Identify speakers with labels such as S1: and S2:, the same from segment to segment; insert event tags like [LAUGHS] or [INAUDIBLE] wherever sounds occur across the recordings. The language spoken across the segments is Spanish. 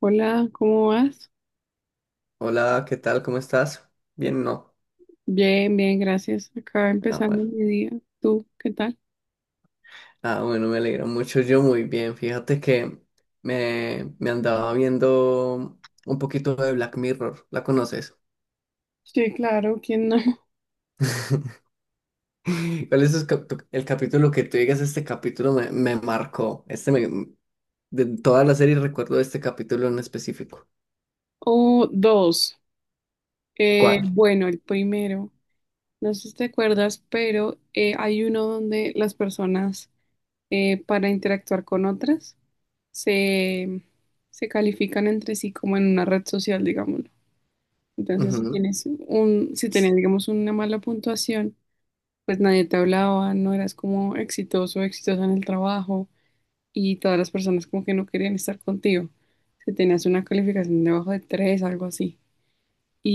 S1: Hola, ¿cómo vas?
S2: Hola, ¿qué tal? ¿Cómo estás? Bien, no.
S1: Bien, bien, gracias. Acá
S2: Ah,
S1: empezando
S2: bueno.
S1: mi día. ¿Tú qué tal?
S2: Ah, bueno, me alegra mucho. Yo muy bien. Fíjate que me andaba viendo un poquito de Black Mirror. ¿La conoces?
S1: Sí, claro, ¿quién no? [LAUGHS]
S2: [LAUGHS] ¿Cuál es sus el capítulo que tú digas? Este capítulo me marcó. De toda la serie recuerdo este capítulo en específico.
S1: O dos. Eh,
S2: ¿Cuál?
S1: bueno, el primero, no sé si te acuerdas, pero hay uno donde las personas para interactuar con otras se, se califican entre sí como en una red social, digámoslo. Entonces, si
S2: Ujú.
S1: tienes un, si tenías, digamos, una mala puntuación, pues nadie te hablaba, no eras como exitoso, exitosa en el trabajo y todas las personas como que no querían estar contigo. Si tenías una calificación debajo de 3 algo así.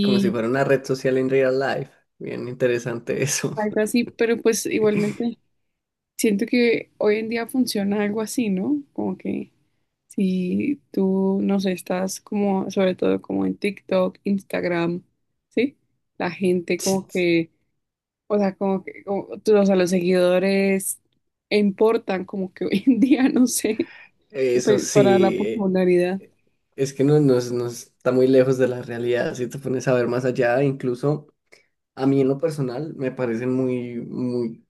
S2: Como si fuera una red social en real life. Bien interesante eso.
S1: algo así, pero pues igualmente siento que hoy en día funciona algo así, ¿no? Como que si tú, no sé, estás como, sobre todo como en TikTok, Instagram, ¿sí? La gente como
S2: [LAUGHS]
S1: que, o sea, como que, como- tú- o sea, los seguidores importan como que [LAUGHS] hoy en día, no sé,
S2: Eso
S1: pe- para la
S2: sí.
S1: popularidad.
S2: eh, es que no, no está muy lejos de la realidad, si te pones a ver más allá. Incluso a mí en lo personal me parecen muy, muy,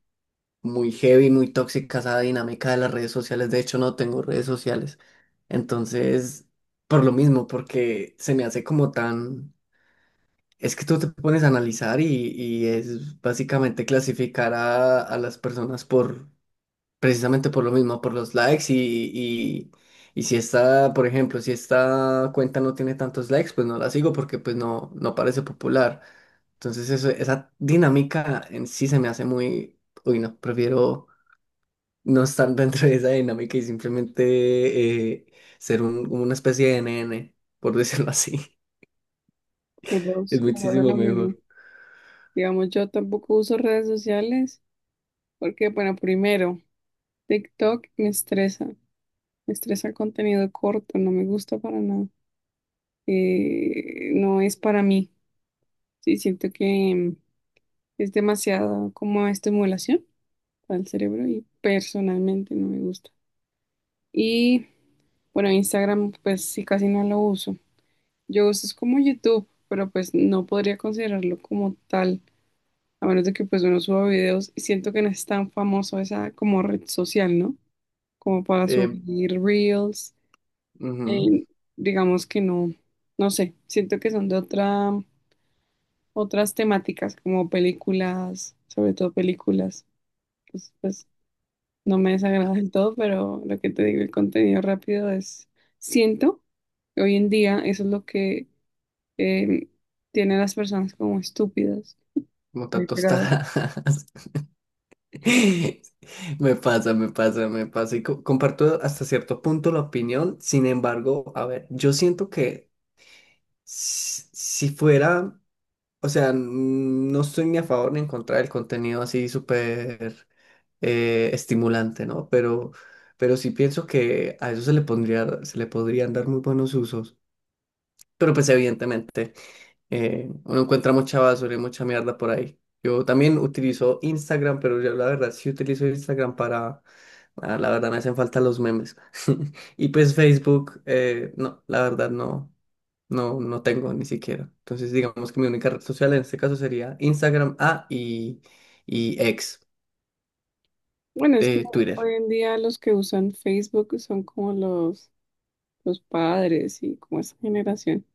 S2: muy heavy, muy tóxica esa dinámica de las redes sociales. De hecho no tengo redes sociales, entonces, por lo mismo, porque se me hace como tan... Es que tú te pones a analizar y es básicamente clasificar a las personas por... Precisamente por lo mismo, por los likes y si esta, por ejemplo, si esta cuenta no tiene tantos likes, pues no la sigo porque pues no parece popular. Entonces eso, esa dinámica en sí se me hace muy... Uy, no, prefiero no estar [LAUGHS] dentro de esa dinámica y simplemente ser una especie de NN, por decirlo así. [LAUGHS] Es
S1: Los dos son
S2: muchísimo
S1: lo mismo.
S2: mejor.
S1: Digamos, yo tampoco uso redes sociales porque, bueno, primero, TikTok me estresa el contenido corto, no me gusta para nada, no es para mí, sí, siento que es demasiado como estimulación para el cerebro y personalmente no me gusta. Y, bueno, Instagram, pues sí, casi no lo uso. Yo uso es como YouTube, pero pues no podría considerarlo como tal, a menos de que pues uno suba videos y siento que no es tan famoso esa como red social, ¿no? Como para
S2: Eh,
S1: subir reels.
S2: Ujú,
S1: eh, digamos que no, no sé, siento que son de otra, otras temáticas, como películas, sobre todo películas. Pues, pues no me desagrada del todo, pero lo que te digo, el contenido rápido es, siento que hoy en día eso es lo que eh, tiene a las personas como estúpidas,
S2: como
S1: muy pegadas.
S2: tostadas. [LAUGHS] Me pasa, me pasa, me pasa. Y comparto hasta cierto punto la opinión. Sin embargo, a ver, yo siento que si fuera, o sea, no estoy ni a favor ni en contra del contenido así súper estimulante, ¿no? Pero sí pienso que a eso se le pondría, se le podrían dar muy buenos usos. Pero pues evidentemente. Uno encuentra mucha basura y mucha mierda por ahí. Yo también utilizo Instagram, pero yo la verdad sí utilizo Instagram para... La verdad me hacen falta los memes. [LAUGHS] Y pues Facebook, no, la verdad no, no tengo ni siquiera. Entonces digamos que mi única red social en este caso sería Instagram, A y ex
S1: Bueno, es que
S2: de Twitter.
S1: hoy en día los que usan Facebook son como los padres y como esa generación.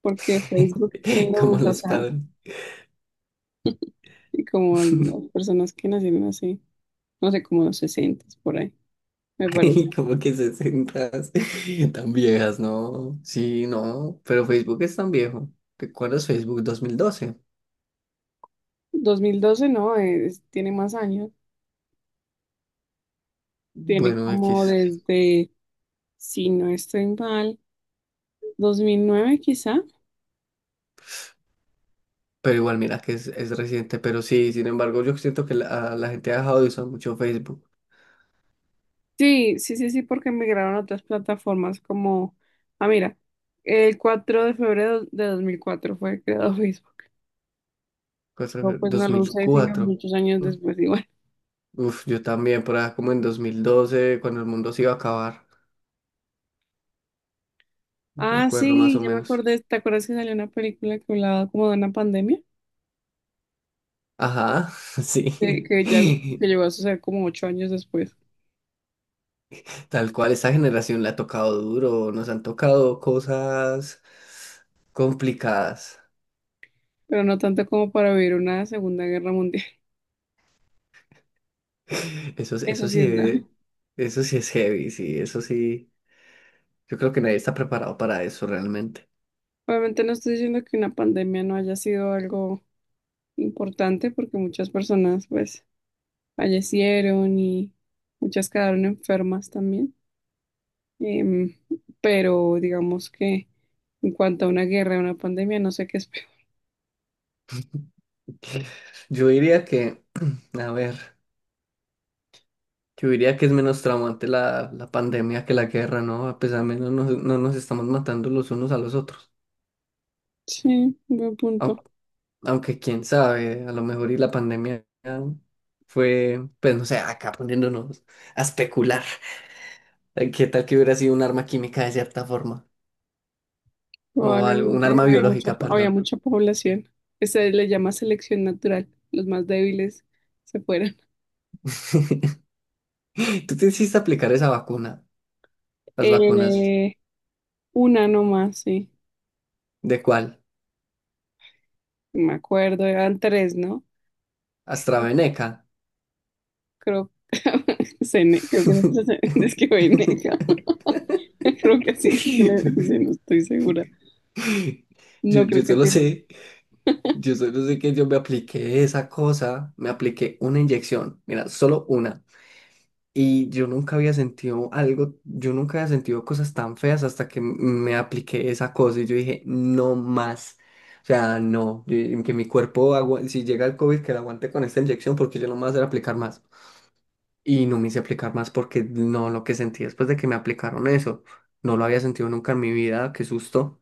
S1: Porque Facebook, ¿quién
S2: [LAUGHS]
S1: lo
S2: Como
S1: usa? O
S2: los
S1: sea,
S2: padres.
S1: y como
S2: [LAUGHS]
S1: las personas que nacieron así, no sé, como los 60 por ahí, me
S2: [LAUGHS]
S1: parece.
S2: Y como que 60 [LAUGHS] tan viejas, ¿no? Sí, no, pero Facebook es tan viejo. ¿Recuerdas Facebook 2012?
S1: 2012 no, es- tiene más años, tiene
S2: Bueno,
S1: como
S2: X.
S1: desde, si no estoy mal, 2009 quizá.
S2: Pero igual, mira que es reciente, pero sí, sin embargo, yo siento que la gente ha dejado de usar mucho Facebook.
S1: Sí, sí, sí, sí, porque migraron a otras plataformas como, ah, mira, el 4 de febrero de 2004 fue creado [LAUGHS] Facebook. No, pues no lo usé sino
S2: 2004.
S1: muchos años
S2: Mm.
S1: después, igual.
S2: Uf, yo también, por ahí como en 2012, cuando el mundo se iba a acabar, me
S1: Ah,
S2: acuerdo más
S1: sí,
S2: o
S1: ya me
S2: menos.
S1: acordé. ¿Te acuerdas que salió una película que hablaba como de una pandemia?
S2: Ajá, [LAUGHS] sí.
S1: Que ya que llegó a suceder como 8 años después,
S2: Tal cual, esta generación le ha tocado duro, nos han tocado cosas complicadas.
S1: pero no tanto como para vivir una Segunda Guerra Mundial.
S2: [LAUGHS] Eso,
S1: [LAUGHS] Eso
S2: eso
S1: sí
S2: sí,
S1: es grave.
S2: eso sí es heavy, sí, eso sí. Yo creo que nadie está preparado para eso realmente.
S1: Obviamente no estoy diciendo que una pandemia no haya sido algo importante, porque muchas personas pues fallecieron y muchas quedaron enfermas también. Em, pero digamos que en cuanto a una guerra, una pandemia, no sé qué es peor. [LAUGHS]
S2: Yo diría que, [CLEARS THROAT] a ver, yo diría que es menos traumante la pandemia que la guerra, ¿no? A pesar menos no nos estamos matando los unos a los otros.
S1: Sí, buen punto.
S2: Au- Aunque, quién sabe, a lo mejor y la pandemia fue, pues no sé, acá poniéndonos a especular. ¿Qué tal que hubiera sido un arma química de cierta forma? O algo, un
S1: Probablemente
S2: arma
S1: hay mucha,
S2: biológica,
S1: había
S2: perdón.
S1: mucha población. Que se le llama selección natural. Los más débiles se fueron.
S2: [LAUGHS] Tú te hiciste aplicar esa vacuna, las vacunas.
S1: Eh, una nomás, sí.
S2: ¿De cuál?
S1: Me acuerdo, eran tres, ¿no?
S2: AstraZeneca.
S1: Creo, [LAUGHS] cené, creo que nosotros [LAUGHS] es
S2: [LAUGHS]
S1: que voy negra. [LAUGHS] Creo que así no se le dice, no estoy segura.
S2: Yo,
S1: No creo
S2: yo
S1: que
S2: solo
S1: tiene.
S2: sé, que yo me apliqué esa cosa, me apliqué una inyección, mira, solo una. Y yo nunca había sentido algo, yo nunca había sentido cosas tan feas hasta que me apliqué esa cosa y yo dije, no más. O sea, no, que mi cuerpo, si llega el COVID, que lo aguante con esta inyección porque yo no me voy a hacer aplicar más. Y no me hice aplicar más porque no, lo que sentí después de que me aplicaron eso, no lo había sentido nunca en mi vida, qué susto.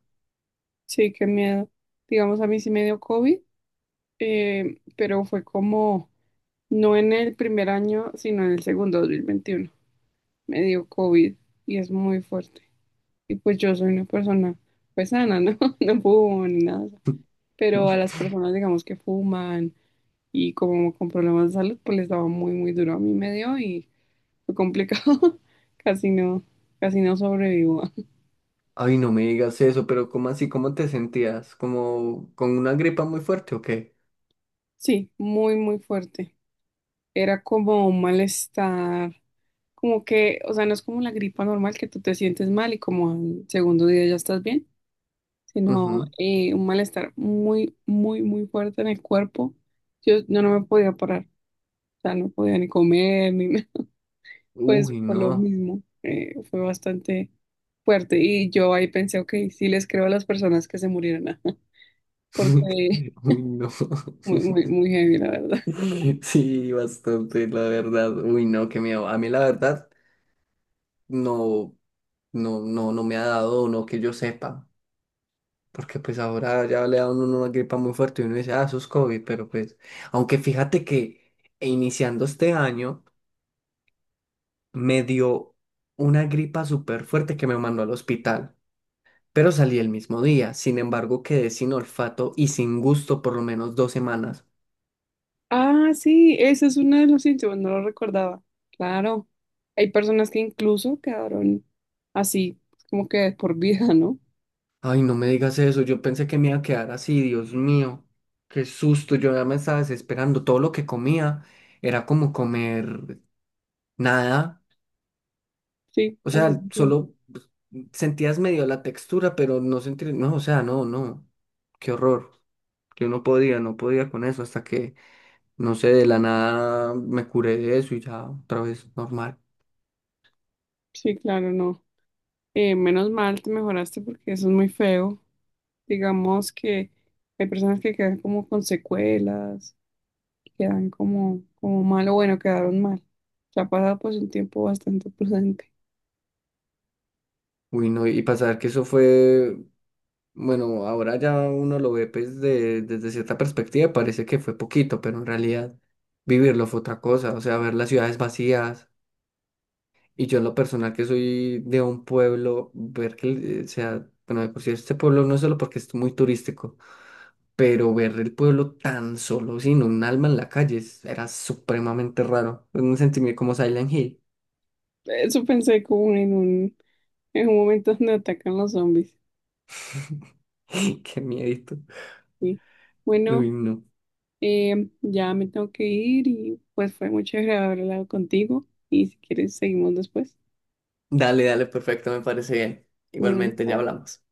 S1: Sí, qué miedo. Digamos, a mí sí me dio COVID, pero fue como, no en el primer año, sino en el segundo, 2021 me dio COVID y es muy fuerte. Y pues yo soy una persona pues sana, ¿no? [LAUGHS] No fumo ni nada. Pero a las personas, digamos, que fuman y como con problemas de salud, pues les daba muy, muy duro. A mí me dio y fue complicado. [LAUGHS] Casi no, casi no sobrevivo. [LAUGHS]
S2: Ay, no me digas eso, pero ¿cómo así? ¿Cómo te sentías? ¿Como con una gripa muy fuerte o qué?
S1: Sí, muy, muy fuerte. Era como un malestar, como que, o sea, no es como la gripa normal que tú te sientes mal y como al segundo día ya estás bien, sino
S2: Ujú.
S1: un malestar muy, muy, muy fuerte en el cuerpo. Yo no me podía parar, o sea, no podía ni comer, ni nada, [LAUGHS] pues
S2: Uy,
S1: por lo
S2: no.
S1: mismo, fue bastante fuerte. Y yo ahí pensé, ok, sí les creo a las personas que se murieron, [LAUGHS] ajá, porque
S2: [LAUGHS] Uy, no. [LAUGHS]
S1: muy, muy, muy heavy, la verdad. [LAUGHS]
S2: [LAUGHS] Sí, bastante, la verdad. Uy, no, qué miedo. A mí la verdad no, no, no me ha dado, no que yo sepa. Porque pues ahora ya le da uno una gripa muy fuerte y uno dice, ah, eso es COVID, pero pues, aunque fíjate que iniciando este año me dio una gripa súper fuerte que me mandó al hospital, pero salí el mismo día. Sin embargo, quedé sin olfato y sin gusto por lo menos 2 semanas.
S1: Ah, sí, ese es uno de los síntomas, no lo recordaba. Claro, hay personas que incluso quedaron así, como que por vida, ¿no?
S2: Ay, no me digas eso, yo pensé que me iba a quedar así, Dios mío, qué susto, yo ya me estaba desesperando. Todo lo que comía era como comer nada,
S1: Sí,
S2: o
S1: así
S2: sea,
S1: se siente.
S2: solo pues, sentías medio la textura, pero no sentías, no, o sea, no, no, qué horror. Yo no podía, no podía con eso hasta que, no sé, de la nada me curé de eso y ya otra vez normal.
S1: Sí, claro, no. Menos mal te mejoraste porque eso es muy feo. Digamos que hay personas que quedan como con secuelas, que quedan como, como mal o bueno, quedaron mal. Ya ha pasado pues un tiempo bastante [LAUGHS] prudente.
S2: Uy, no, y pasar que eso fue... Bueno, ahora ya uno lo ve pues desde cierta perspectiva, parece que fue poquito, pero en realidad vivirlo fue otra cosa, o sea, ver las ciudades vacías y yo en lo personal que soy de un pueblo, ver que, o sea, bueno, de por sí este pueblo no es solo porque es muy turístico, pero ver el pueblo tan solo, sin un alma en la calle, era supremamente raro, un sentimiento como Silent Hill,
S1: Eso pensé como en un momento donde atacan los zombies.
S2: [LAUGHS] qué miedito,
S1: Sí. Bueno,
S2: uy, no.
S1: ya me tengo que ir y pues fue muy chévere haber hablado contigo y si quieres seguimos después.
S2: Dale, dale, perfecto, me parece bien,
S1: Bueno,
S2: igualmente ya
S1: chao.
S2: hablamos.